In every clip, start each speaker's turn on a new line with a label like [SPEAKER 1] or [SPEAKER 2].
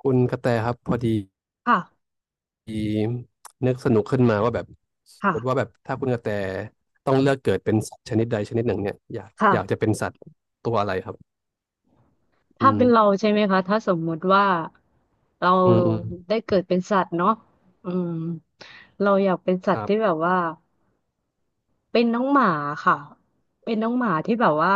[SPEAKER 1] คุณกระแตครับพอดี
[SPEAKER 2] ค่ะ
[SPEAKER 1] นึกสนุกขึ้นมาว่าแบบส
[SPEAKER 2] ค่ะ
[SPEAKER 1] มมติว่าแบบถ้าคุณกระแตต้องเลือกเกิดเป็นสัตว์ชนิดใดชนิดหนึ่งเนี่ยอยาก
[SPEAKER 2] ค่ะ
[SPEAKER 1] อยากจะเป็นสัตว์ตัวอะไรครับอื
[SPEAKER 2] ถ้าเป็นเรา
[SPEAKER 1] ม
[SPEAKER 2] ใช่ไหมคะถ้าสมมุติว่าเรา
[SPEAKER 1] อืมอืม
[SPEAKER 2] ได้เกิดเป็นสัตว์เนาะอืมเราอยากเป็นสั
[SPEAKER 1] ค
[SPEAKER 2] ตว์
[SPEAKER 1] รั
[SPEAKER 2] ที่แบ
[SPEAKER 1] บ
[SPEAKER 2] บว่าเป็นน้องหมาค่ะเป็นน้องหมาที่แบบว่า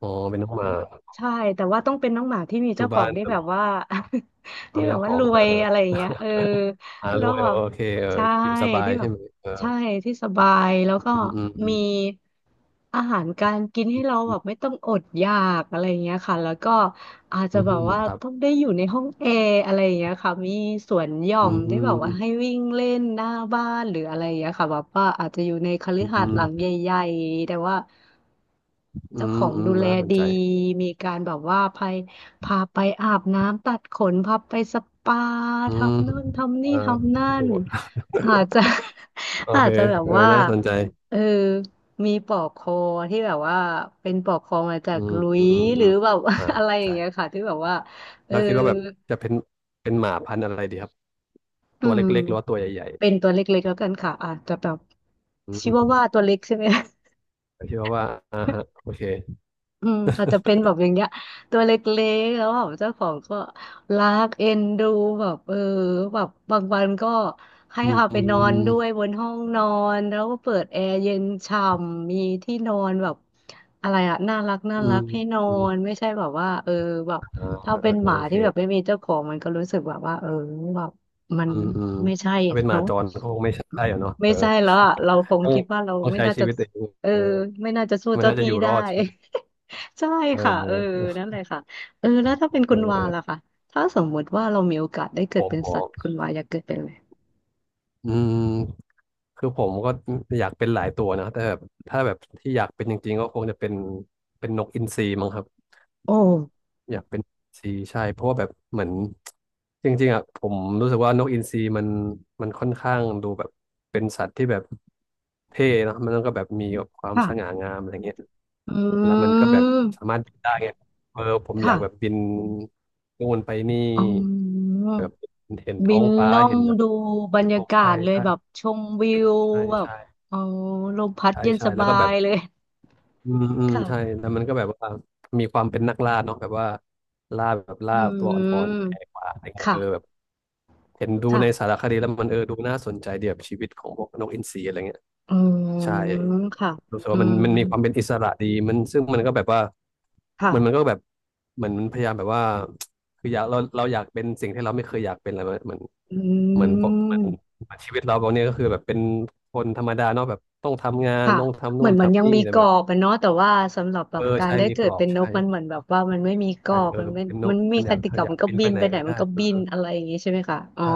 [SPEAKER 1] อ๋อเป็นน้องหมา
[SPEAKER 2] ใช่แต่ว่าต้องเป็นน้องหมาที่มี
[SPEAKER 1] อยู่
[SPEAKER 2] เจ้าขอ
[SPEAKER 1] บ้า
[SPEAKER 2] ง
[SPEAKER 1] น
[SPEAKER 2] ที่
[SPEAKER 1] ทำ
[SPEAKER 2] แบบว่า
[SPEAKER 1] ยา
[SPEAKER 2] ที่
[SPEAKER 1] มี
[SPEAKER 2] แบบ
[SPEAKER 1] เจ้าข
[SPEAKER 2] ว่า
[SPEAKER 1] อง
[SPEAKER 2] รวยอะไรอย่างเงี้ยเออ
[SPEAKER 1] ร
[SPEAKER 2] แล้ว
[SPEAKER 1] วย
[SPEAKER 2] แบ
[SPEAKER 1] โอ
[SPEAKER 2] บ
[SPEAKER 1] เคเออ
[SPEAKER 2] ใช่
[SPEAKER 1] อยู่สบาย
[SPEAKER 2] ที่แบ
[SPEAKER 1] ใช่
[SPEAKER 2] บ
[SPEAKER 1] ไหมเออ
[SPEAKER 2] ใช่ที่สบายแล้ว
[SPEAKER 1] อื
[SPEAKER 2] ก็
[SPEAKER 1] มอื
[SPEAKER 2] มี
[SPEAKER 1] ม
[SPEAKER 2] อาหารการกินให้เรา
[SPEAKER 1] อื
[SPEAKER 2] แบบไม่
[SPEAKER 1] ม
[SPEAKER 2] ต้องอดอยากอะไรอย่างเงี้ยค่ะแล้วก็ อาจจะ
[SPEAKER 1] อืม
[SPEAKER 2] แบ
[SPEAKER 1] อื
[SPEAKER 2] บ
[SPEAKER 1] ม
[SPEAKER 2] ว่า
[SPEAKER 1] ครับ
[SPEAKER 2] ต้องได้อยู่ในห้องแอร์อะไรอย่างเงี้ยค่ะมีสวนหย่อ
[SPEAKER 1] อื
[SPEAKER 2] มได้แบ
[SPEAKER 1] ม
[SPEAKER 2] บว่าให้
[SPEAKER 1] อ
[SPEAKER 2] วิ่งเล่นหน้าบ้านหรืออะไรอย่างเงี้ยค่ะแบบว่าอาจจะอยู่ในคฤ
[SPEAKER 1] ืม
[SPEAKER 2] หา
[SPEAKER 1] อื
[SPEAKER 2] สน์หลังใหญ่ๆแต่ว่า
[SPEAKER 1] มอ
[SPEAKER 2] เจ้าของ
[SPEAKER 1] ืม
[SPEAKER 2] ดูแล
[SPEAKER 1] น่าสน
[SPEAKER 2] ดี
[SPEAKER 1] ใจ
[SPEAKER 2] มีการแบบว่าพาไปอาบน้ำตัดขนพาไปสปา
[SPEAKER 1] อืม
[SPEAKER 2] ทำนู่นทำนี่
[SPEAKER 1] อ่า
[SPEAKER 2] ทำนั่
[SPEAKER 1] ดู
[SPEAKER 2] นอาจจะ
[SPEAKER 1] โอ
[SPEAKER 2] อา
[SPEAKER 1] เค
[SPEAKER 2] จจะแบบ
[SPEAKER 1] เออ
[SPEAKER 2] ว่า
[SPEAKER 1] น่าสนใจ
[SPEAKER 2] เออมีปลอกคอที่แบบว่าเป็นปลอกคอมาจา
[SPEAKER 1] อื
[SPEAKER 2] ก
[SPEAKER 1] ม
[SPEAKER 2] หลุ
[SPEAKER 1] อื
[SPEAKER 2] ย
[SPEAKER 1] ม
[SPEAKER 2] ห
[SPEAKER 1] อื
[SPEAKER 2] รือ
[SPEAKER 1] ม
[SPEAKER 2] แบบ
[SPEAKER 1] อ่า
[SPEAKER 2] อะไรอย่าง
[SPEAKER 1] ใช่
[SPEAKER 2] เงี้ยค่ะที่แบบว่าเออ
[SPEAKER 1] เราคิดว่าแบบจะเป็นเป็นหมาพันธุ์อะไรดีครับ
[SPEAKER 2] อื
[SPEAKER 1] ตัว
[SPEAKER 2] ม
[SPEAKER 1] เล็กๆหรือว่าตัวใหญ่
[SPEAKER 2] เป็นตัวเล็กๆแล้วกันค่ะอาจจะแบบ
[SPEAKER 1] ๆอื
[SPEAKER 2] ชิ
[SPEAKER 1] ม
[SPEAKER 2] วาว่าตัวเล็กใช่ไหม
[SPEAKER 1] ผมคิดว่าอ่าฮะโอเค
[SPEAKER 2] อืมอาจจะเป็นแบบอย่างเงี้ยตัวเล็กๆแล้วแบบเจ้าของก็รักเอ็นดูแบบเออแบบบางวันก็ให้
[SPEAKER 1] อืม
[SPEAKER 2] พาไป
[SPEAKER 1] อื
[SPEAKER 2] นอนด้วย
[SPEAKER 1] ม
[SPEAKER 2] บนห้องนอนแล้วก็เปิดแอร์เย็นฉ่ำมีที่นอนแบบอะไรอะน่ารักน่า
[SPEAKER 1] อื
[SPEAKER 2] รั
[SPEAKER 1] ม
[SPEAKER 2] กให้นอ
[SPEAKER 1] อืม
[SPEAKER 2] นไม่ใช่แบบว่าเออแบบ
[SPEAKER 1] อ่า
[SPEAKER 2] ถ้า
[SPEAKER 1] เอ
[SPEAKER 2] เป็นห
[SPEAKER 1] อ
[SPEAKER 2] มา
[SPEAKER 1] โอเค
[SPEAKER 2] ที่แบบไม่มีเจ้าของมันก็รู้สึกแบบว่าเออแบบมัน
[SPEAKER 1] อืมอืม
[SPEAKER 2] ไม่ใช่
[SPEAKER 1] ถ้า
[SPEAKER 2] อะ
[SPEAKER 1] เป็นหมา
[SPEAKER 2] เนาะ
[SPEAKER 1] จรก็คงไม่ใช่อะเนาะ
[SPEAKER 2] ไม่
[SPEAKER 1] เออ
[SPEAKER 2] ใช่แล้วอะเราคง
[SPEAKER 1] ต้อง
[SPEAKER 2] คิดว่าเรา
[SPEAKER 1] ต้อง
[SPEAKER 2] ไม่
[SPEAKER 1] ใช้
[SPEAKER 2] น่า
[SPEAKER 1] ชี
[SPEAKER 2] จะ
[SPEAKER 1] วิตเอง
[SPEAKER 2] เออ
[SPEAKER 1] เออ
[SPEAKER 2] ไม่น่าจะสู้
[SPEAKER 1] มัน
[SPEAKER 2] เจ้า
[SPEAKER 1] น่าจะ
[SPEAKER 2] ที่
[SPEAKER 1] อยู่ร
[SPEAKER 2] ได้
[SPEAKER 1] อดใช่ไหม
[SPEAKER 2] ใช่
[SPEAKER 1] เออ
[SPEAKER 2] ค่ะเออ
[SPEAKER 1] เออ
[SPEAKER 2] นั่นแหละค่ะเออแล้วถ้าเป็นคุ
[SPEAKER 1] เอ
[SPEAKER 2] ณ
[SPEAKER 1] อ
[SPEAKER 2] วา
[SPEAKER 1] เออ
[SPEAKER 2] ล่ะค่ะถ้าสมมุติว่าเรามีโอกาสได้เกิ
[SPEAKER 1] ผ
[SPEAKER 2] ด
[SPEAKER 1] ม
[SPEAKER 2] เป็น
[SPEAKER 1] หมอ
[SPEAKER 2] สัตว์คุณวาอยากเกิดเป็นอะไร
[SPEAKER 1] อืม คือผมก็อยากเป็นหลายตัวนะแต่แบบถ้าแบบที่อยากเป็นจริงๆก็คงจะเป็นเป็นนกอินทรีมั้งครับ
[SPEAKER 2] โอ้
[SPEAKER 1] อยากเป็นนกอินทรีใช่เพราะว่าแบบเหมือนจริงๆอ่ะผมรู้สึกว่านกอินทรีมันค่อนข้างดูแบบเป็นสัตว์ที่แบบเท่เนอะมันก็แบบมีความส
[SPEAKER 2] ค่ะ
[SPEAKER 1] ง่างามอะไรเงี้ย
[SPEAKER 2] อื
[SPEAKER 1] แล้วมันก็แบบสา
[SPEAKER 2] ม
[SPEAKER 1] มารถบินได้ไงเออผมอ
[SPEAKER 2] ค่ะ
[SPEAKER 1] ยากแบบบินนู่นไปนี่
[SPEAKER 2] อ๋อ
[SPEAKER 1] แบบเห็น
[SPEAKER 2] บิ
[SPEAKER 1] ท้อ
[SPEAKER 2] น
[SPEAKER 1] งฟ้า
[SPEAKER 2] ล่อง
[SPEAKER 1] เห็นแบบ
[SPEAKER 2] ดูบรร
[SPEAKER 1] โล
[SPEAKER 2] ยา
[SPEAKER 1] ก
[SPEAKER 2] กา
[SPEAKER 1] ใช่
[SPEAKER 2] ศเลย
[SPEAKER 1] ใช่
[SPEAKER 2] แบบชมวิว
[SPEAKER 1] ใช่
[SPEAKER 2] แบบ
[SPEAKER 1] ใช่
[SPEAKER 2] อ๋อลมพัด
[SPEAKER 1] ใช่
[SPEAKER 2] เย็น
[SPEAKER 1] ใช่
[SPEAKER 2] ส
[SPEAKER 1] แล้ว
[SPEAKER 2] บา
[SPEAKER 1] ก็แบ
[SPEAKER 2] ย
[SPEAKER 1] บ
[SPEAKER 2] เลย
[SPEAKER 1] อืมอืม
[SPEAKER 2] ค่ะ
[SPEAKER 1] ใช่แล้วมันก็แบบว่ามีความเป็นนักล่าเนาะแบบว่าล่าแบบ
[SPEAKER 2] อื
[SPEAKER 1] ล่าตัวอ่อนๆแหก
[SPEAKER 2] ม
[SPEAKER 1] ป่าอะไรเงี้ยเออแบบ
[SPEAKER 2] ค่ะ
[SPEAKER 1] เห็นดูในสา
[SPEAKER 2] ค่ะ
[SPEAKER 1] รคดีแล้วมันดูน่าสนใจเดียบบชีวิตของพวกนกอินทรีอะไรเงี้ย
[SPEAKER 2] อื
[SPEAKER 1] ใช่
[SPEAKER 2] มค่ะ
[SPEAKER 1] รู้สึก
[SPEAKER 2] อื
[SPEAKER 1] ว่ามัน
[SPEAKER 2] ม
[SPEAKER 1] มันมีความเป็นอิสระดีมันซึ่งมันก็แบบว่า
[SPEAKER 2] ค่ะ
[SPEAKER 1] มันก็แบบเหมือนมันพยายามแบบว่าคืออยากเราอยากเป็นสิ่งที่เราไม่เคยอยากเป็นอะไรเหมือน
[SPEAKER 2] อ
[SPEAKER 1] เหมื
[SPEAKER 2] ื
[SPEAKER 1] อนปกเหมือน
[SPEAKER 2] ม
[SPEAKER 1] ชีวิตเราตอนนี้ก็คือแบบเป็นคนธรรมดาเนาะแบบต้องทำงาน
[SPEAKER 2] ค่ะ
[SPEAKER 1] ต้องทำ
[SPEAKER 2] เห
[SPEAKER 1] นู่
[SPEAKER 2] มือ
[SPEAKER 1] น
[SPEAKER 2] นมันยั
[SPEAKER 1] ทำ
[SPEAKER 2] ง
[SPEAKER 1] นี่
[SPEAKER 2] มี
[SPEAKER 1] แต่
[SPEAKER 2] กร
[SPEAKER 1] แบ
[SPEAKER 2] อ
[SPEAKER 1] บ
[SPEAKER 2] บอะเนาะแต่ว่าสำหรับแบ
[SPEAKER 1] เอ
[SPEAKER 2] บ
[SPEAKER 1] อ
[SPEAKER 2] การ
[SPEAKER 1] ใช่
[SPEAKER 2] ได้
[SPEAKER 1] มี
[SPEAKER 2] เกิ
[SPEAKER 1] กร
[SPEAKER 2] ด
[SPEAKER 1] อบ
[SPEAKER 2] เป็นน
[SPEAKER 1] ใช่
[SPEAKER 2] กมันเหมือนแบบว่ามันไม่มีกร
[SPEAKER 1] ใช่
[SPEAKER 2] อบ
[SPEAKER 1] เออ
[SPEAKER 2] มันไม่
[SPEAKER 1] เป็นน
[SPEAKER 2] มั
[SPEAKER 1] ก
[SPEAKER 2] นไม่มี
[SPEAKER 1] มันอ
[SPEAKER 2] ก
[SPEAKER 1] ยาก
[SPEAKER 2] ติกา
[SPEAKER 1] อยา
[SPEAKER 2] มั
[SPEAKER 1] ก
[SPEAKER 2] นก็
[SPEAKER 1] บิน
[SPEAKER 2] บิ
[SPEAKER 1] ไป
[SPEAKER 2] น
[SPEAKER 1] ไหน
[SPEAKER 2] ไปไหน
[SPEAKER 1] ก็
[SPEAKER 2] มั
[SPEAKER 1] ได้
[SPEAKER 2] นก็
[SPEAKER 1] เอ
[SPEAKER 2] บิน
[SPEAKER 1] อ
[SPEAKER 2] อะไรอย่างงี้ใช่ไหมคะอ๋อ
[SPEAKER 1] ใช่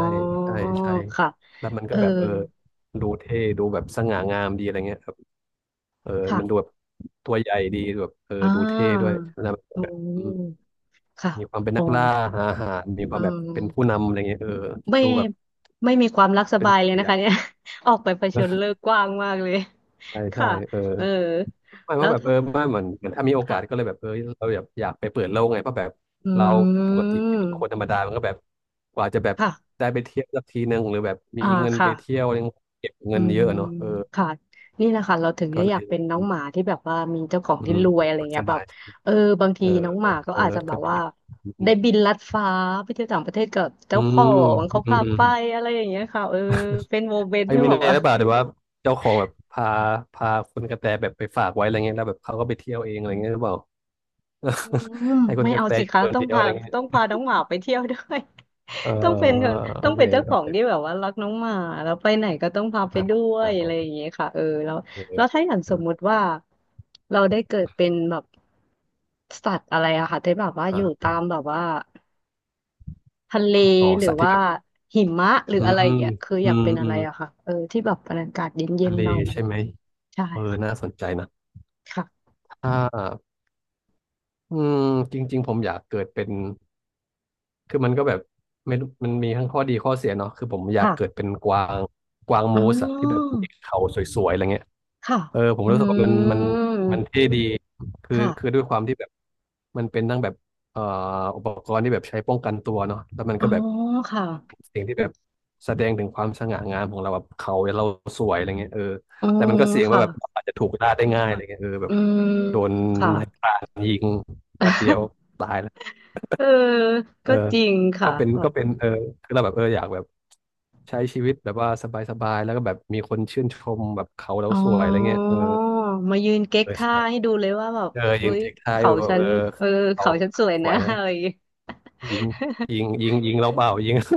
[SPEAKER 1] ใช่ใช่
[SPEAKER 2] ค่ะ
[SPEAKER 1] แล้วมัน
[SPEAKER 2] เอ
[SPEAKER 1] ก็
[SPEAKER 2] อ
[SPEAKER 1] แบบเออดูเท่ดูแบบสง่างามดีอะไรเงี้ยครับเออ
[SPEAKER 2] ค่ะ
[SPEAKER 1] มันดูแบบตัวใหญ่ดีแบบเออ
[SPEAKER 2] อ่
[SPEAKER 1] ดูเท่ด้วย
[SPEAKER 2] า
[SPEAKER 1] แล้ว
[SPEAKER 2] อื
[SPEAKER 1] แบบอืม
[SPEAKER 2] มค่ะ
[SPEAKER 1] มีความเป็น
[SPEAKER 2] อ๋อ
[SPEAKER 1] นักล่าหาอาหารมีค
[SPEAKER 2] อื
[SPEAKER 1] วามแบบเป็นผู้
[SPEAKER 2] ม
[SPEAKER 1] นำอะไรเงี้ยเออ
[SPEAKER 2] ไม่
[SPEAKER 1] ดูแบบ
[SPEAKER 2] ไม่มีความรักส
[SPEAKER 1] เป็น
[SPEAKER 2] บายเลย
[SPEAKER 1] เสี
[SPEAKER 2] นะ
[SPEAKER 1] ย
[SPEAKER 2] คะเนี่ย ออกไปเผชิญโล กกว้างมากเลย
[SPEAKER 1] ใช่ใช่
[SPEAKER 2] ค่ะ
[SPEAKER 1] เออ
[SPEAKER 2] เออ
[SPEAKER 1] ไม่เพ
[SPEAKER 2] แล้ว
[SPEAKER 1] ราะแบบเอ
[SPEAKER 2] ถ้า
[SPEAKER 1] อไม่เหมือนเหมือนถ้ามีโอกาสก็เล
[SPEAKER 2] ค่ะ
[SPEAKER 1] ยแบบเออเราอยากไปเปิดโลกไงเพราะแบบ
[SPEAKER 2] อื
[SPEAKER 1] เราปกติเป็นคนธร
[SPEAKER 2] ม
[SPEAKER 1] รมดามันก็แบบกว่าจะแบบ
[SPEAKER 2] ค่ะ
[SPEAKER 1] ได้ไปเที่ยวสักทีนึงหรือแบบมี
[SPEAKER 2] อ่า
[SPEAKER 1] เงิน
[SPEAKER 2] ค่ะ
[SPEAKER 1] ไปเที่ยวยังเก็บ
[SPEAKER 2] อื
[SPEAKER 1] เงินเย
[SPEAKER 2] ม
[SPEAKER 1] อะเนาะเออ
[SPEAKER 2] ค่ะนี่แหละค่ะเราถึง
[SPEAKER 1] ก็
[SPEAKER 2] จะ
[SPEAKER 1] เล
[SPEAKER 2] อยาก
[SPEAKER 1] ย
[SPEAKER 2] เป็นน้องหมาที่แบบว่ามีเจ้าของ
[SPEAKER 1] อื
[SPEAKER 2] ที่
[SPEAKER 1] ม
[SPEAKER 2] รวยอะไร
[SPEAKER 1] มันส
[SPEAKER 2] เงี้ยแบ
[SPEAKER 1] บาย
[SPEAKER 2] บเออบางที
[SPEAKER 1] เออ
[SPEAKER 2] น้องหมาก็
[SPEAKER 1] เออ
[SPEAKER 2] อาจจะแบ
[SPEAKER 1] ก็
[SPEAKER 2] บ
[SPEAKER 1] ดี
[SPEAKER 2] ว่า
[SPEAKER 1] อื
[SPEAKER 2] ได้
[SPEAKER 1] ม
[SPEAKER 2] บินลัดฟ้าไปเที่ยวต่างประเทศกับ
[SPEAKER 1] อื
[SPEAKER 2] เจ้าขอ
[SPEAKER 1] ม
[SPEAKER 2] งเขา
[SPEAKER 1] อืม
[SPEAKER 2] พา
[SPEAKER 1] อื
[SPEAKER 2] ไป
[SPEAKER 1] ม
[SPEAKER 2] อะไรอย่างเงี้ยค่ะเออเป็นโมเมนต์
[SPEAKER 1] ไอ้
[SPEAKER 2] ที่
[SPEAKER 1] มี
[SPEAKER 2] แบ
[SPEAKER 1] เนี่
[SPEAKER 2] บ
[SPEAKER 1] ย
[SPEAKER 2] ว่า
[SPEAKER 1] หรือเปล่าหรือว่าเจ้าของแบบพาคุณกระแตแบบไปฝากไว้อะไรเงี้ยแล้วแบบเขาก็ไปเที่ยวเองอะไรเงี้ยหรือเปล่า
[SPEAKER 2] อืม
[SPEAKER 1] ให้คุณ
[SPEAKER 2] ไม่
[SPEAKER 1] กระ
[SPEAKER 2] เอา
[SPEAKER 1] แต
[SPEAKER 2] สิ
[SPEAKER 1] อยู่
[SPEAKER 2] คะ
[SPEAKER 1] คน
[SPEAKER 2] ต้อง
[SPEAKER 1] เดียวอะ
[SPEAKER 2] พา
[SPEAKER 1] ไรเงี้ย
[SPEAKER 2] ต้องพาน้องหมาไปเที่ยวด้วย
[SPEAKER 1] เออ
[SPEAKER 2] ต้องเป็นค่ะ
[SPEAKER 1] โอ
[SPEAKER 2] ต้อง
[SPEAKER 1] เค
[SPEAKER 2] เป็นเจ้าข
[SPEAKER 1] โอ
[SPEAKER 2] อง
[SPEAKER 1] เค
[SPEAKER 2] ที่แบบว่ารักน้องหมาแล้วไปไหนก็ต้องพาไป
[SPEAKER 1] อ่า
[SPEAKER 2] ด้ว
[SPEAKER 1] อ่า
[SPEAKER 2] ยอะ
[SPEAKER 1] โอ
[SPEAKER 2] ไรอย่าง
[SPEAKER 1] เค
[SPEAKER 2] เงี้ยค่ะเออแล้วแล้วถ้าอย่างสมมุ
[SPEAKER 1] อ่า
[SPEAKER 2] ติว่าเราได้เกิดเป็นแบบสัตว์อะไรอะค่ะที่แบบว่า
[SPEAKER 1] อ่
[SPEAKER 2] อยู่ตา
[SPEAKER 1] า
[SPEAKER 2] มแบบว่าทะเล
[SPEAKER 1] อ๋อ
[SPEAKER 2] หรือ
[SPEAKER 1] สัตว์ที่
[SPEAKER 2] ว่า
[SPEAKER 1] แบบ
[SPEAKER 2] หิมะหรือ
[SPEAKER 1] อื
[SPEAKER 2] อะ
[SPEAKER 1] ม
[SPEAKER 2] ไรอ
[SPEAKER 1] อื
[SPEAKER 2] ย่างเงี้ยคืออยาก
[SPEAKER 1] ม
[SPEAKER 2] เป็นอะ
[SPEAKER 1] อื
[SPEAKER 2] ไร
[SPEAKER 1] ม
[SPEAKER 2] อะค่ะเออที่แบบบรรยากาศเย็
[SPEAKER 1] ทะ
[SPEAKER 2] น
[SPEAKER 1] เล
[SPEAKER 2] ๆหน่อยอะไรอ
[SPEAKER 1] ใช่
[SPEAKER 2] ย่าง
[SPEAKER 1] ไหม
[SPEAKER 2] เงี้ยใช่
[SPEAKER 1] เออน่า
[SPEAKER 2] ค่ะ
[SPEAKER 1] สนใจนะ
[SPEAKER 2] ค่ะ
[SPEAKER 1] ถ้าอืมจริงๆผมอยากเกิดเป็นคือมันก็แบบไม่รู้มันมีทั้งข้อดีข้อเสียเนาะคือผมอยาก
[SPEAKER 2] ค่ะ
[SPEAKER 1] เกิดเป็นกวางกวาง
[SPEAKER 2] อ๋
[SPEAKER 1] มูสอะที่แบบ
[SPEAKER 2] อ
[SPEAKER 1] มีเขาสวยๆอะไรเงี้ย
[SPEAKER 2] ค่ะ
[SPEAKER 1] เออผม
[SPEAKER 2] อื
[SPEAKER 1] รู้สึกว่ามัน
[SPEAKER 2] ม
[SPEAKER 1] มันเท่ดีคือ
[SPEAKER 2] ค่ะ
[SPEAKER 1] คือด้วยความที่แบบมันเป็นทั้งแบบเอ่ออุปกรณ์ที่แบบใช้ป้องกันตัวเนาะแล้วมัน
[SPEAKER 2] อ๋อ
[SPEAKER 1] ก็แบบ
[SPEAKER 2] ค่ะ
[SPEAKER 1] สิ่งที่แบบแสดงถึงความสง่างามของเราแบบเขาเราสวยอะไรเงี้ยเออ
[SPEAKER 2] อื
[SPEAKER 1] แต่มั
[SPEAKER 2] ม
[SPEAKER 1] นก็เสี่ยงว่า
[SPEAKER 2] ค่ะ
[SPEAKER 1] แบบอาจจะถูกล่าได้ง่ายอะไรเงี้ยเออแบ
[SPEAKER 2] อื
[SPEAKER 1] บ
[SPEAKER 2] ม
[SPEAKER 1] โดน
[SPEAKER 2] ค่ะ
[SPEAKER 1] นายพรานยิงแป๊บเดียวตายแล้ว
[SPEAKER 2] เออ
[SPEAKER 1] เออ
[SPEAKER 2] ก็จริง
[SPEAKER 1] ก็
[SPEAKER 2] ค่ะ
[SPEAKER 1] เป็น
[SPEAKER 2] แบ
[SPEAKER 1] ก็
[SPEAKER 2] บ
[SPEAKER 1] เป็นเออคือเราแบบเอออยากแบบใช้ชีวิตแบบว่าสบายๆแล้วก็แบบมีคนชื่นชมแบบเขาเรา
[SPEAKER 2] อ๋อ
[SPEAKER 1] สวยอะไรเงี้ยเออ
[SPEAKER 2] มายืนเก๊ก
[SPEAKER 1] เออ
[SPEAKER 2] ท่า
[SPEAKER 1] ใช่
[SPEAKER 2] ให้ดูเลยว่าแบบ
[SPEAKER 1] เออยื
[SPEAKER 2] เฮ้
[SPEAKER 1] น
[SPEAKER 2] ย
[SPEAKER 1] เทคท้าย
[SPEAKER 2] เขา
[SPEAKER 1] แบบ
[SPEAKER 2] ฉั
[SPEAKER 1] เอ
[SPEAKER 2] น
[SPEAKER 1] อ
[SPEAKER 2] เออ
[SPEAKER 1] เขา
[SPEAKER 2] เขาฉันสวย
[SPEAKER 1] ส
[SPEAKER 2] นะ
[SPEAKER 1] วย นะ
[SPEAKER 2] อะไรอย่างงี้
[SPEAKER 1] ยิงยิง ยิงยิงเราเบายิง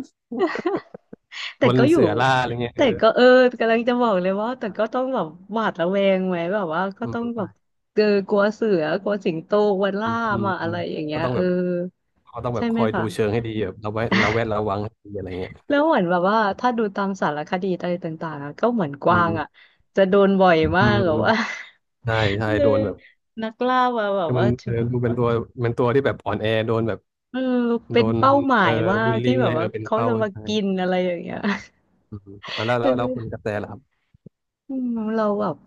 [SPEAKER 1] โด
[SPEAKER 2] แต่
[SPEAKER 1] น
[SPEAKER 2] ก็อยู่
[SPEAKER 1] เสือล่าอะไรเงี้ยเอ
[SPEAKER 2] แต่
[SPEAKER 1] อ
[SPEAKER 2] ก็เออกำลังจะบอกเลยว่าแต่ก็ต้องแบบหวาดระแวงไหมแบบว่าก็
[SPEAKER 1] อื
[SPEAKER 2] ต้องแบ
[SPEAKER 1] ม
[SPEAKER 2] บเออกลัวเสือ กลัวสิงโตกลัว
[SPEAKER 1] อื
[SPEAKER 2] ล่า
[SPEAKER 1] มอืม
[SPEAKER 2] มา
[SPEAKER 1] อื
[SPEAKER 2] อะ
[SPEAKER 1] ม
[SPEAKER 2] ไรอย่างเงี้
[SPEAKER 1] ก็
[SPEAKER 2] ย
[SPEAKER 1] ต้อง
[SPEAKER 2] เอ
[SPEAKER 1] แบ
[SPEAKER 2] อ
[SPEAKER 1] บเขาต้องแบ
[SPEAKER 2] ใช่
[SPEAKER 1] บค
[SPEAKER 2] ไหม
[SPEAKER 1] อยดู
[SPEAKER 2] คะ
[SPEAKER 1] เชิงให้ดีแบบเราไว้เราแวดระวังให้ดีอะไรเงี้ย
[SPEAKER 2] แล้วเหมือนแบบว่าถ้าดูตามสารคดีอะไรต่างๆอะก็เหมือนก
[SPEAKER 1] อื
[SPEAKER 2] วางอ่ะ
[SPEAKER 1] ม
[SPEAKER 2] จะโดนบ่อย
[SPEAKER 1] อืม
[SPEAKER 2] มา
[SPEAKER 1] อื
[SPEAKER 2] กแบ
[SPEAKER 1] ม
[SPEAKER 2] บว่า
[SPEAKER 1] ใช่ใช่
[SPEAKER 2] คือ
[SPEAKER 1] โดนแบบ
[SPEAKER 2] นักล่ามาแบบ
[SPEAKER 1] คือมั
[SPEAKER 2] ว่า
[SPEAKER 1] นดูเป็นตัวเป็นตัวที่แบบอ่อนแอโดนแบบ
[SPEAKER 2] เออเป็
[SPEAKER 1] โด
[SPEAKER 2] น
[SPEAKER 1] น
[SPEAKER 2] เป้าหมา
[SPEAKER 1] เออ
[SPEAKER 2] ยมา
[SPEAKER 1] บู
[SPEAKER 2] ก
[SPEAKER 1] ลลี่
[SPEAKER 2] ที่แบ
[SPEAKER 1] ไง
[SPEAKER 2] บ
[SPEAKER 1] เอ
[SPEAKER 2] ว่า
[SPEAKER 1] อเป็น
[SPEAKER 2] เขา
[SPEAKER 1] เป้า
[SPEAKER 2] จะมา
[SPEAKER 1] ใช่
[SPEAKER 2] กินอะไรอย่างเงี้ย
[SPEAKER 1] อืมอ่ะแล้ว
[SPEAKER 2] เ
[SPEAKER 1] แล้วแล้วคุณก
[SPEAKER 2] ออ
[SPEAKER 1] ระแตล่ะครับ
[SPEAKER 2] อืมเราแบบ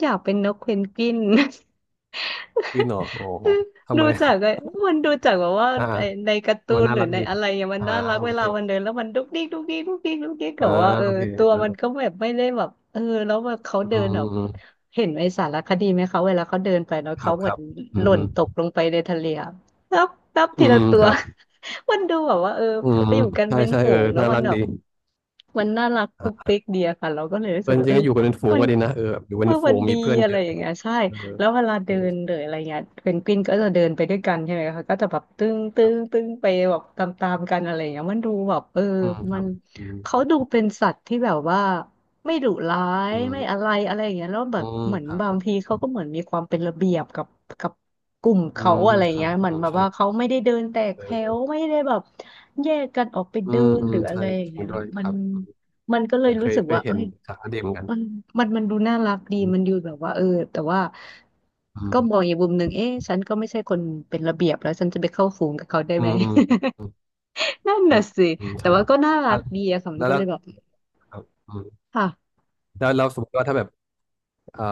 [SPEAKER 2] อยากเป็นนกเพนกวิน
[SPEAKER 1] วินเหรอโอ้โหทำ
[SPEAKER 2] ดู
[SPEAKER 1] ไม
[SPEAKER 2] จากไอ้มันดูจากแบบว่า
[SPEAKER 1] อ่าอ่
[SPEAKER 2] ไอ้ในการ์ตู
[SPEAKER 1] ามัน
[SPEAKER 2] น
[SPEAKER 1] น่า
[SPEAKER 2] หรือ
[SPEAKER 1] รัก
[SPEAKER 2] ใน
[SPEAKER 1] ดี
[SPEAKER 2] อะไรอย่างมัน
[SPEAKER 1] อ่า
[SPEAKER 2] น่ารัก
[SPEAKER 1] โอ
[SPEAKER 2] เว
[SPEAKER 1] เค
[SPEAKER 2] ลามันเดินแล้วมันดุ๊กดิ๊กดุ๊กดิ๊กดุ๊กดิ๊กดุ๊กดิ๊กแบ
[SPEAKER 1] อ่า
[SPEAKER 2] บว่าเออ
[SPEAKER 1] โอเค
[SPEAKER 2] ตัวมันก็แบบไม่ได้แบบเออแล้วแบบเขา
[SPEAKER 1] อื
[SPEAKER 2] เดินแบบ
[SPEAKER 1] ม
[SPEAKER 2] เห็นไอ้สารคดีไหมเขาเวลาเขาเดินไปเนาะ
[SPEAKER 1] ครั
[SPEAKER 2] เขา
[SPEAKER 1] บ
[SPEAKER 2] เห
[SPEAKER 1] ค
[SPEAKER 2] มือ
[SPEAKER 1] รั
[SPEAKER 2] น
[SPEAKER 1] บอื
[SPEAKER 2] หล่น
[SPEAKER 1] ม
[SPEAKER 2] ตกลงไปในทะเลอะนับนับ
[SPEAKER 1] อื
[SPEAKER 2] ทีละ
[SPEAKER 1] ม
[SPEAKER 2] ตั
[SPEAKER 1] ค
[SPEAKER 2] ว
[SPEAKER 1] รับ
[SPEAKER 2] มันดูแบบว่าเออ
[SPEAKER 1] อืม
[SPEAKER 2] ไปอยู่กัน
[SPEAKER 1] ใช่
[SPEAKER 2] เป็น
[SPEAKER 1] ใช่
[SPEAKER 2] ฝู
[SPEAKER 1] เออ
[SPEAKER 2] งแล้ว
[SPEAKER 1] น่า
[SPEAKER 2] มั
[SPEAKER 1] รั
[SPEAKER 2] น
[SPEAKER 1] ก
[SPEAKER 2] แบ
[SPEAKER 1] ดี
[SPEAKER 2] บ มันน่ารัก
[SPEAKER 1] อ่
[SPEAKER 2] ปุก
[SPEAKER 1] ะ
[SPEAKER 2] ปิ๊กเดียค่ะเราก็เลยรู้สึ
[SPEAKER 1] เพื่อ
[SPEAKER 2] ก
[SPEAKER 1] น
[SPEAKER 2] ว่า
[SPEAKER 1] จริงก็อยู่กันเป็นฝูง
[SPEAKER 2] มัน
[SPEAKER 1] ก็ดีนะเออแบบอยู่เป็น
[SPEAKER 2] เมื่อ
[SPEAKER 1] ฝู
[SPEAKER 2] วัน
[SPEAKER 1] ง
[SPEAKER 2] ดี
[SPEAKER 1] มีเพื่อน
[SPEAKER 2] อะ
[SPEAKER 1] เย
[SPEAKER 2] ไร
[SPEAKER 1] อะอะ
[SPEAKER 2] อ
[SPEAKER 1] ไร
[SPEAKER 2] ย่างเงี้
[SPEAKER 1] เงี้
[SPEAKER 2] ย
[SPEAKER 1] ย
[SPEAKER 2] ใช่
[SPEAKER 1] เออ
[SPEAKER 2] แล้วเวลา
[SPEAKER 1] เอ
[SPEAKER 2] เดิ
[SPEAKER 1] อ
[SPEAKER 2] นหรืออะไรเงี้ยเพนกวินก็จะเดินไปด้วยกันใช่ไหมคะก็จะแบบตึ้งตึ้
[SPEAKER 1] ครั
[SPEAKER 2] ง
[SPEAKER 1] บ
[SPEAKER 2] ตึ้งไปแบบตามกันอะไรอย่างเงี้ยมันดูแบบ
[SPEAKER 1] อืมค
[SPEAKER 2] มั
[SPEAKER 1] รั
[SPEAKER 2] น
[SPEAKER 1] บอืม
[SPEAKER 2] เขาดูเป็นสัตว์ที่แบบว่าไม่ดุร้าย
[SPEAKER 1] อื
[SPEAKER 2] ไม่อะ
[SPEAKER 1] ม
[SPEAKER 2] ไรอะไรอย่างเงี้ยแล้วแบ
[SPEAKER 1] อื
[SPEAKER 2] บ
[SPEAKER 1] ม
[SPEAKER 2] เหมือน
[SPEAKER 1] ครั
[SPEAKER 2] บา
[SPEAKER 1] บ
[SPEAKER 2] งทีเขาก็เหมือนมีความเป็นระเบียบกับ กลุ่ม
[SPEAKER 1] อื
[SPEAKER 2] เขา
[SPEAKER 1] ม
[SPEAKER 2] อะไร
[SPEAKER 1] ครั
[SPEAKER 2] เงี้
[SPEAKER 1] บ
[SPEAKER 2] ยเหมือ
[SPEAKER 1] อื
[SPEAKER 2] น
[SPEAKER 1] ม
[SPEAKER 2] แบบ
[SPEAKER 1] ใช่
[SPEAKER 2] ว่าเขาไม่ได้เดินแตก
[SPEAKER 1] เอ
[SPEAKER 2] แถ
[SPEAKER 1] อเอ
[SPEAKER 2] ว
[SPEAKER 1] อ
[SPEAKER 2] ไม่ได้แบบแยกกันออกไป
[SPEAKER 1] อื
[SPEAKER 2] เดิ
[SPEAKER 1] ม
[SPEAKER 2] น
[SPEAKER 1] อื
[SPEAKER 2] ห
[SPEAKER 1] ม
[SPEAKER 2] รืออะ
[SPEAKER 1] ใช่
[SPEAKER 2] ไรอย่า
[SPEAKER 1] จ
[SPEAKER 2] ง
[SPEAKER 1] ริง
[SPEAKER 2] เงี้ย
[SPEAKER 1] ด้วยค
[SPEAKER 2] มัน
[SPEAKER 1] รับ
[SPEAKER 2] มันก็เล
[SPEAKER 1] เอ
[SPEAKER 2] ย
[SPEAKER 1] อเค
[SPEAKER 2] รู้
[SPEAKER 1] ย
[SPEAKER 2] สึก
[SPEAKER 1] เคย
[SPEAKER 2] ว่า
[SPEAKER 1] เห็
[SPEAKER 2] เอ้
[SPEAKER 1] น
[SPEAKER 2] ย
[SPEAKER 1] สารคดีเหมือนกัน
[SPEAKER 2] มันมันดูน่ารักดี
[SPEAKER 1] อืม
[SPEAKER 2] มันดูแบบว่าแต่ว่าก็มองอีกมุมหนึ่งเอ๊ะฉันก็ไม่ใช่คนเป็นระเบียบแล้วฉันจะไปเข้าฝูงกับเขาได้
[SPEAKER 1] อื
[SPEAKER 2] ไหม
[SPEAKER 1] มอืมอืม
[SPEAKER 2] นั่น
[SPEAKER 1] อื
[SPEAKER 2] น่ะ
[SPEAKER 1] ม
[SPEAKER 2] สิ
[SPEAKER 1] อืม
[SPEAKER 2] แต่
[SPEAKER 1] ใช่
[SPEAKER 2] ว่าก็น่ารั
[SPEAKER 1] อ่ะ
[SPEAKER 2] กดีอะค่ะมั
[SPEAKER 1] แล้
[SPEAKER 2] น
[SPEAKER 1] ว
[SPEAKER 2] ก็
[SPEAKER 1] แล้
[SPEAKER 2] เล
[SPEAKER 1] ว
[SPEAKER 2] ยแบบ
[SPEAKER 1] ครับอืม
[SPEAKER 2] ค่ะ
[SPEAKER 1] แล้วเราสมมติว่าถ้าแบบเอ่อ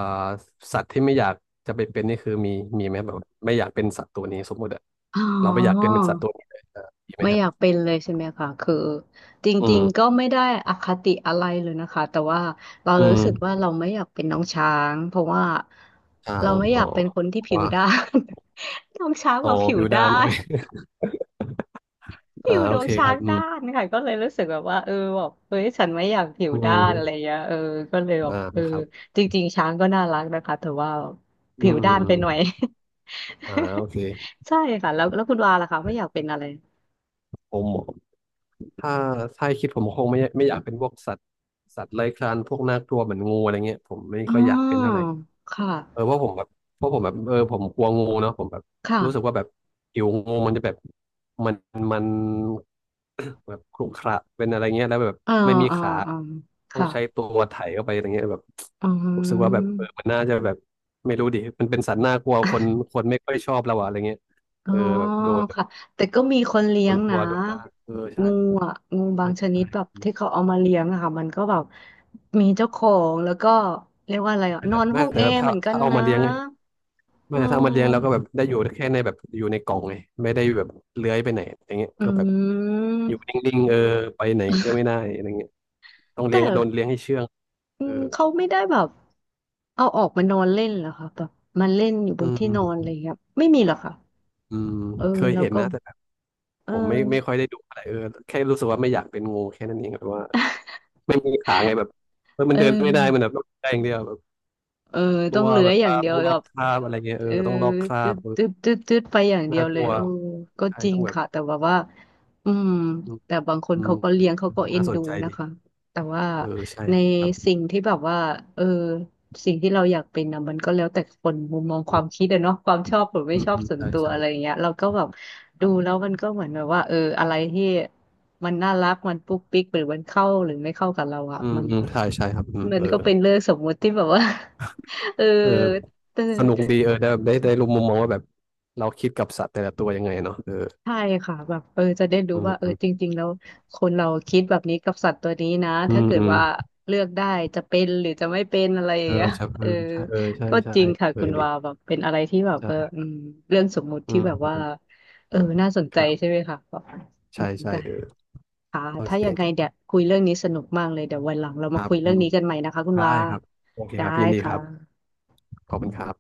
[SPEAKER 1] สัตว์ที่ไม่อยากจะไปเป็นนี่คือมีไหมแบบไม่อยากเป็นสัตว์ตัวนี้สมมติอะ
[SPEAKER 2] อ๋
[SPEAKER 1] เราไม่อยากเกิ
[SPEAKER 2] อ
[SPEAKER 1] ดเป็นสัตว์ตัวนี้เลยเออมีไหม
[SPEAKER 2] ไม่
[SPEAKER 1] ครั
[SPEAKER 2] อยาก
[SPEAKER 1] บ
[SPEAKER 2] เป็นเลยใช่ไหมคะคือจ
[SPEAKER 1] อื
[SPEAKER 2] ริงๆ
[SPEAKER 1] ม
[SPEAKER 2] ก็ไม่ได้อคติอะไรเลยนะคะแต่ว่าเรา
[SPEAKER 1] อื
[SPEAKER 2] รู้สึกว่า
[SPEAKER 1] ม
[SPEAKER 2] เราไม่อยากเป็นน้องช้างเพราะว่า
[SPEAKER 1] ช้า
[SPEAKER 2] เรา
[SPEAKER 1] ง
[SPEAKER 2] ไม่อ
[SPEAKER 1] อ๋
[SPEAKER 2] ยาก
[SPEAKER 1] อ
[SPEAKER 2] เป็นคนที่ผิว
[SPEAKER 1] ว้า
[SPEAKER 2] ด้าน น้องช้าง
[SPEAKER 1] โอ้
[SPEAKER 2] กว่าผิว
[SPEAKER 1] พิวดา
[SPEAKER 2] ด้า
[SPEAKER 1] นโอ
[SPEAKER 2] น
[SPEAKER 1] เค
[SPEAKER 2] ผิ
[SPEAKER 1] อ่า
[SPEAKER 2] ว
[SPEAKER 1] โอ
[SPEAKER 2] น้อง
[SPEAKER 1] เคค
[SPEAKER 2] ช้า
[SPEAKER 1] รั
[SPEAKER 2] ง
[SPEAKER 1] บอื
[SPEAKER 2] ด้าน
[SPEAKER 1] ม
[SPEAKER 2] ค่ะก็เลยรู้สึกแบบว่าแบบเฮ้ยฉันไม่อยากผิว
[SPEAKER 1] อื
[SPEAKER 2] ด้านอะไร
[SPEAKER 1] ม
[SPEAKER 2] เงี้ยเออก็เลยแบบ
[SPEAKER 1] อ่า
[SPEAKER 2] เออ
[SPEAKER 1] ครับ
[SPEAKER 2] จริงๆช้างก็น่ารักนะคะแต่ว่า
[SPEAKER 1] อื
[SPEAKER 2] ผิ
[SPEAKER 1] ม
[SPEAKER 2] ว
[SPEAKER 1] อื
[SPEAKER 2] ด้า
[SPEAKER 1] ม
[SPEAKER 2] น
[SPEAKER 1] อื
[SPEAKER 2] ไปหน่อย
[SPEAKER 1] มอ่าโอเค
[SPEAKER 2] ใช่ค่ะแล้วคุณวาล่ะคะไม่อยากเป็นอะไร
[SPEAKER 1] ผมถ้าให้คิดผมคงไม่อยากเป็นพวกสัตว์สัตว์เลื้อยคลานพวกน่ากลัวเหมือนงูอะไรเงี้ยผมไม่
[SPEAKER 2] อ๋
[SPEAKER 1] ค่อยอยากเป็นเท่า
[SPEAKER 2] อ
[SPEAKER 1] ไหร่
[SPEAKER 2] ค
[SPEAKER 1] เออ
[SPEAKER 2] ่ะ
[SPEAKER 1] เพราะผมแบบเพราะผมแบบเออผมกลัวงูเนาะผมแบบรู้สึก
[SPEAKER 2] ค่ะ
[SPEAKER 1] ว่าแบบผิวงูมันจะแบบมันมัน แบบขรุขระเป็นอะไรเงี้ยแล้วแบบ
[SPEAKER 2] อ่า
[SPEAKER 1] ไม่มี
[SPEAKER 2] อ่า
[SPEAKER 1] ขา
[SPEAKER 2] อ่า
[SPEAKER 1] ต้อง
[SPEAKER 2] ค่ะ
[SPEAKER 1] ใช้ตัวไถเข้าไปอะไรเงี้ยแบบ
[SPEAKER 2] อื
[SPEAKER 1] รู้สึกว่าแบบเออ
[SPEAKER 2] ม
[SPEAKER 1] มันน่าจะแบบไม่รู้ดิมันเป็นสัตว์น่ากลัวคน คนไม่ค่อยชอบเราอะอะไรเงี้ย
[SPEAKER 2] อ๋
[SPEAKER 1] เอ
[SPEAKER 2] อ
[SPEAKER 1] อแบบโดน
[SPEAKER 2] ค่ะแต่ก็มีคนเลี้
[SPEAKER 1] โด
[SPEAKER 2] ย
[SPEAKER 1] น
[SPEAKER 2] ง
[SPEAKER 1] กลั
[SPEAKER 2] นะ
[SPEAKER 1] วโดนล่าเออใช่
[SPEAKER 2] งูอ่ะงูบา
[SPEAKER 1] ใช่
[SPEAKER 2] งชนิดแบบ
[SPEAKER 1] ใช่
[SPEAKER 2] ที่เขาเอามาเลี้ยงอะค่ะมันก็แบบมีเจ้าของแล้วก็เรียกว่าอะไรอ่ะ
[SPEAKER 1] ไม่
[SPEAKER 2] นอ
[SPEAKER 1] แต่
[SPEAKER 2] น
[SPEAKER 1] ไม่
[SPEAKER 2] ห้อง
[SPEAKER 1] แต่
[SPEAKER 2] แอ
[SPEAKER 1] แบบ
[SPEAKER 2] ร์เห
[SPEAKER 1] ถ้า
[SPEAKER 2] มือนกัน
[SPEAKER 1] เอา
[SPEAKER 2] นะ
[SPEAKER 1] มาเลี้ยงไงไม่
[SPEAKER 2] อื
[SPEAKER 1] แต่ถ้าเอามาเลี้ยง
[SPEAKER 2] ม
[SPEAKER 1] แล้วก็แบบได้อยู่แค่ในแบบอยู่ในกล่องไงไม่ได้แบบเลื้อยไปไหนอย่างเงี้ย
[SPEAKER 2] อื
[SPEAKER 1] ก็แบบ
[SPEAKER 2] ม
[SPEAKER 1] อยู่นิ่งๆเออไปไหนก็ไม่ได้อะไรเงี้ยต้อง
[SPEAKER 2] แต่
[SPEAKER 1] เลี้ยงโดนเลี้ยงให้เชื่อง
[SPEAKER 2] อื
[SPEAKER 1] เออ
[SPEAKER 2] มเขาไม่ได้แบบเอาออกมานอนเล่นเหรอคะแบบมันเล่นอยู่บ
[SPEAKER 1] อื
[SPEAKER 2] นที่นอนอะไร
[SPEAKER 1] ม
[SPEAKER 2] อย่างเงี้ยไม่มีเหรอคะ
[SPEAKER 1] อืม
[SPEAKER 2] เออ
[SPEAKER 1] เคย
[SPEAKER 2] แล้ว
[SPEAKER 1] เห็น
[SPEAKER 2] ก็
[SPEAKER 1] นะแต่แบบ
[SPEAKER 2] เอ
[SPEAKER 1] ผม
[SPEAKER 2] อ
[SPEAKER 1] ไม่ค่อยได้ดูอะไรเออแค่รู้สึกว่าไม่อยากเป็นงูแค่นั้นเองแบบว่าไม่มีขาไงแบบเออ มั
[SPEAKER 2] เอ
[SPEAKER 1] น
[SPEAKER 2] อ
[SPEAKER 1] เดินไม่ได้มันแบบต้องได้อย่างเดียวแบบ
[SPEAKER 2] เออ
[SPEAKER 1] ตั
[SPEAKER 2] ต้อง
[SPEAKER 1] ว
[SPEAKER 2] เลื้อ
[SPEAKER 1] แบ
[SPEAKER 2] ย
[SPEAKER 1] บ
[SPEAKER 2] อย่า
[SPEAKER 1] ตา
[SPEAKER 2] งเดีย
[SPEAKER 1] ต้
[SPEAKER 2] ว
[SPEAKER 1] องล
[SPEAKER 2] แบ
[SPEAKER 1] อก
[SPEAKER 2] บ
[SPEAKER 1] คราบอะไรเงี้ยเอ
[SPEAKER 2] เอ
[SPEAKER 1] อ
[SPEAKER 2] อ
[SPEAKER 1] ต้องลอกครา
[SPEAKER 2] ตึ๊
[SPEAKER 1] บ
[SPEAKER 2] ด
[SPEAKER 1] เออ
[SPEAKER 2] ตึ๊ดตึ๊ดตึ๊ดไปอย่างเดีย
[SPEAKER 1] น่า
[SPEAKER 2] ว
[SPEAKER 1] ก
[SPEAKER 2] เล
[SPEAKER 1] ลั
[SPEAKER 2] ย
[SPEAKER 1] ว
[SPEAKER 2] เออก็
[SPEAKER 1] ใช่
[SPEAKER 2] จริ
[SPEAKER 1] ต้
[SPEAKER 2] ง
[SPEAKER 1] องแบบ
[SPEAKER 2] ค่ะแต่แบบว่าอืม
[SPEAKER 1] อืม
[SPEAKER 2] แต่บางคน
[SPEAKER 1] อืม
[SPEAKER 2] เขาก็เลี้ยงเขาก็เอ็
[SPEAKER 1] น่า
[SPEAKER 2] น
[SPEAKER 1] สน
[SPEAKER 2] ดู
[SPEAKER 1] ใจ
[SPEAKER 2] นะ
[SPEAKER 1] ดี
[SPEAKER 2] คะแต่ว่า
[SPEAKER 1] เออใช่
[SPEAKER 2] ใน
[SPEAKER 1] ครับ
[SPEAKER 2] สิ่งที่แบบว่าเออสิ่งที่เราอยากเป็นนะมันก็แล้วแต่คนมุมมองค
[SPEAKER 1] อื
[SPEAKER 2] วา
[SPEAKER 1] ม
[SPEAKER 2] มคิดอะเนาะความชอบหรือไม่
[SPEAKER 1] อืม
[SPEAKER 2] ชอบ
[SPEAKER 1] อืม
[SPEAKER 2] ส่วน
[SPEAKER 1] ใช่
[SPEAKER 2] ตัว
[SPEAKER 1] ใช่
[SPEAKER 2] อะไรอย่างเงี้ยเราก็แบบ
[SPEAKER 1] ค
[SPEAKER 2] ดู
[SPEAKER 1] รั
[SPEAKER 2] แล้
[SPEAKER 1] บ
[SPEAKER 2] วมันก็เหมือนแบบว่าเอออะไรที่มันน่ารักมันปุ๊กปิ๊กหรือมันเข้าหรือไม่เข้ากับเราอะ
[SPEAKER 1] อืมอืมใช่ใช่ครับอืม
[SPEAKER 2] มัน
[SPEAKER 1] เออ
[SPEAKER 2] ก็เป็นเรื่องสมมุติที่แบบว่า เออ
[SPEAKER 1] เออ
[SPEAKER 2] แต่
[SPEAKER 1] สนุกดีเออได้ได้รู้มุมมองว่าแบบเราคิดกับสัตว์แต่ละตัวยังไงเนาะเออ
[SPEAKER 2] ใช่ค่ะแบบเออจะได้รู้
[SPEAKER 1] อืม
[SPEAKER 2] ว่าเออ
[SPEAKER 1] อื
[SPEAKER 2] จ
[SPEAKER 1] ม
[SPEAKER 2] ริงๆแล้วคนเราคิดแบบนี้กับสัตว์ตัวนี้นะ
[SPEAKER 1] อื
[SPEAKER 2] ถ้า
[SPEAKER 1] ม
[SPEAKER 2] เกิด
[SPEAKER 1] อืม
[SPEAKER 2] ว่าเลือกได้จะเป็นหรือจะไม่เป็นอะไรอ
[SPEAKER 1] เอ
[SPEAKER 2] ย่าง
[SPEAKER 1] อ
[SPEAKER 2] เงี้ย
[SPEAKER 1] ใช่เอ
[SPEAKER 2] เอ
[SPEAKER 1] อ
[SPEAKER 2] อ
[SPEAKER 1] ใช่เออใช่
[SPEAKER 2] ก็
[SPEAKER 1] ใช่
[SPEAKER 2] จริงค่ะ
[SPEAKER 1] เออ
[SPEAKER 2] คุณ
[SPEAKER 1] ดี
[SPEAKER 2] วาแบบเป็นอะไรที่แบบ
[SPEAKER 1] ใช่
[SPEAKER 2] เออ
[SPEAKER 1] ครับ
[SPEAKER 2] อืมเรื่องสมมุติ
[SPEAKER 1] อื
[SPEAKER 2] ที่
[SPEAKER 1] ม
[SPEAKER 2] แบบว่า
[SPEAKER 1] อืม
[SPEAKER 2] เออน่าสนใจ
[SPEAKER 1] ครั
[SPEAKER 2] ใช่
[SPEAKER 1] บ
[SPEAKER 2] ไหมคะแบบอื
[SPEAKER 1] ใช่
[SPEAKER 2] ม
[SPEAKER 1] ใช่
[SPEAKER 2] ได้
[SPEAKER 1] เออ
[SPEAKER 2] ค่ะ
[SPEAKER 1] โอ
[SPEAKER 2] ถ้ายังไง
[SPEAKER 1] เค
[SPEAKER 2] เดี๋ยวคุยเรื่องนี้สนุกมากเลยเดี๋ยววันหลังเรา
[SPEAKER 1] ค
[SPEAKER 2] มา
[SPEAKER 1] รับ
[SPEAKER 2] คุยเรื่
[SPEAKER 1] อื
[SPEAKER 2] อง
[SPEAKER 1] ม
[SPEAKER 2] นี้กันใหม่นะคะคุณ
[SPEAKER 1] ได้
[SPEAKER 2] วา
[SPEAKER 1] ครับโอเค
[SPEAKER 2] ได้
[SPEAKER 1] ครับยินดีค
[SPEAKER 2] ค่ะ
[SPEAKER 1] รับขอบคุณครับ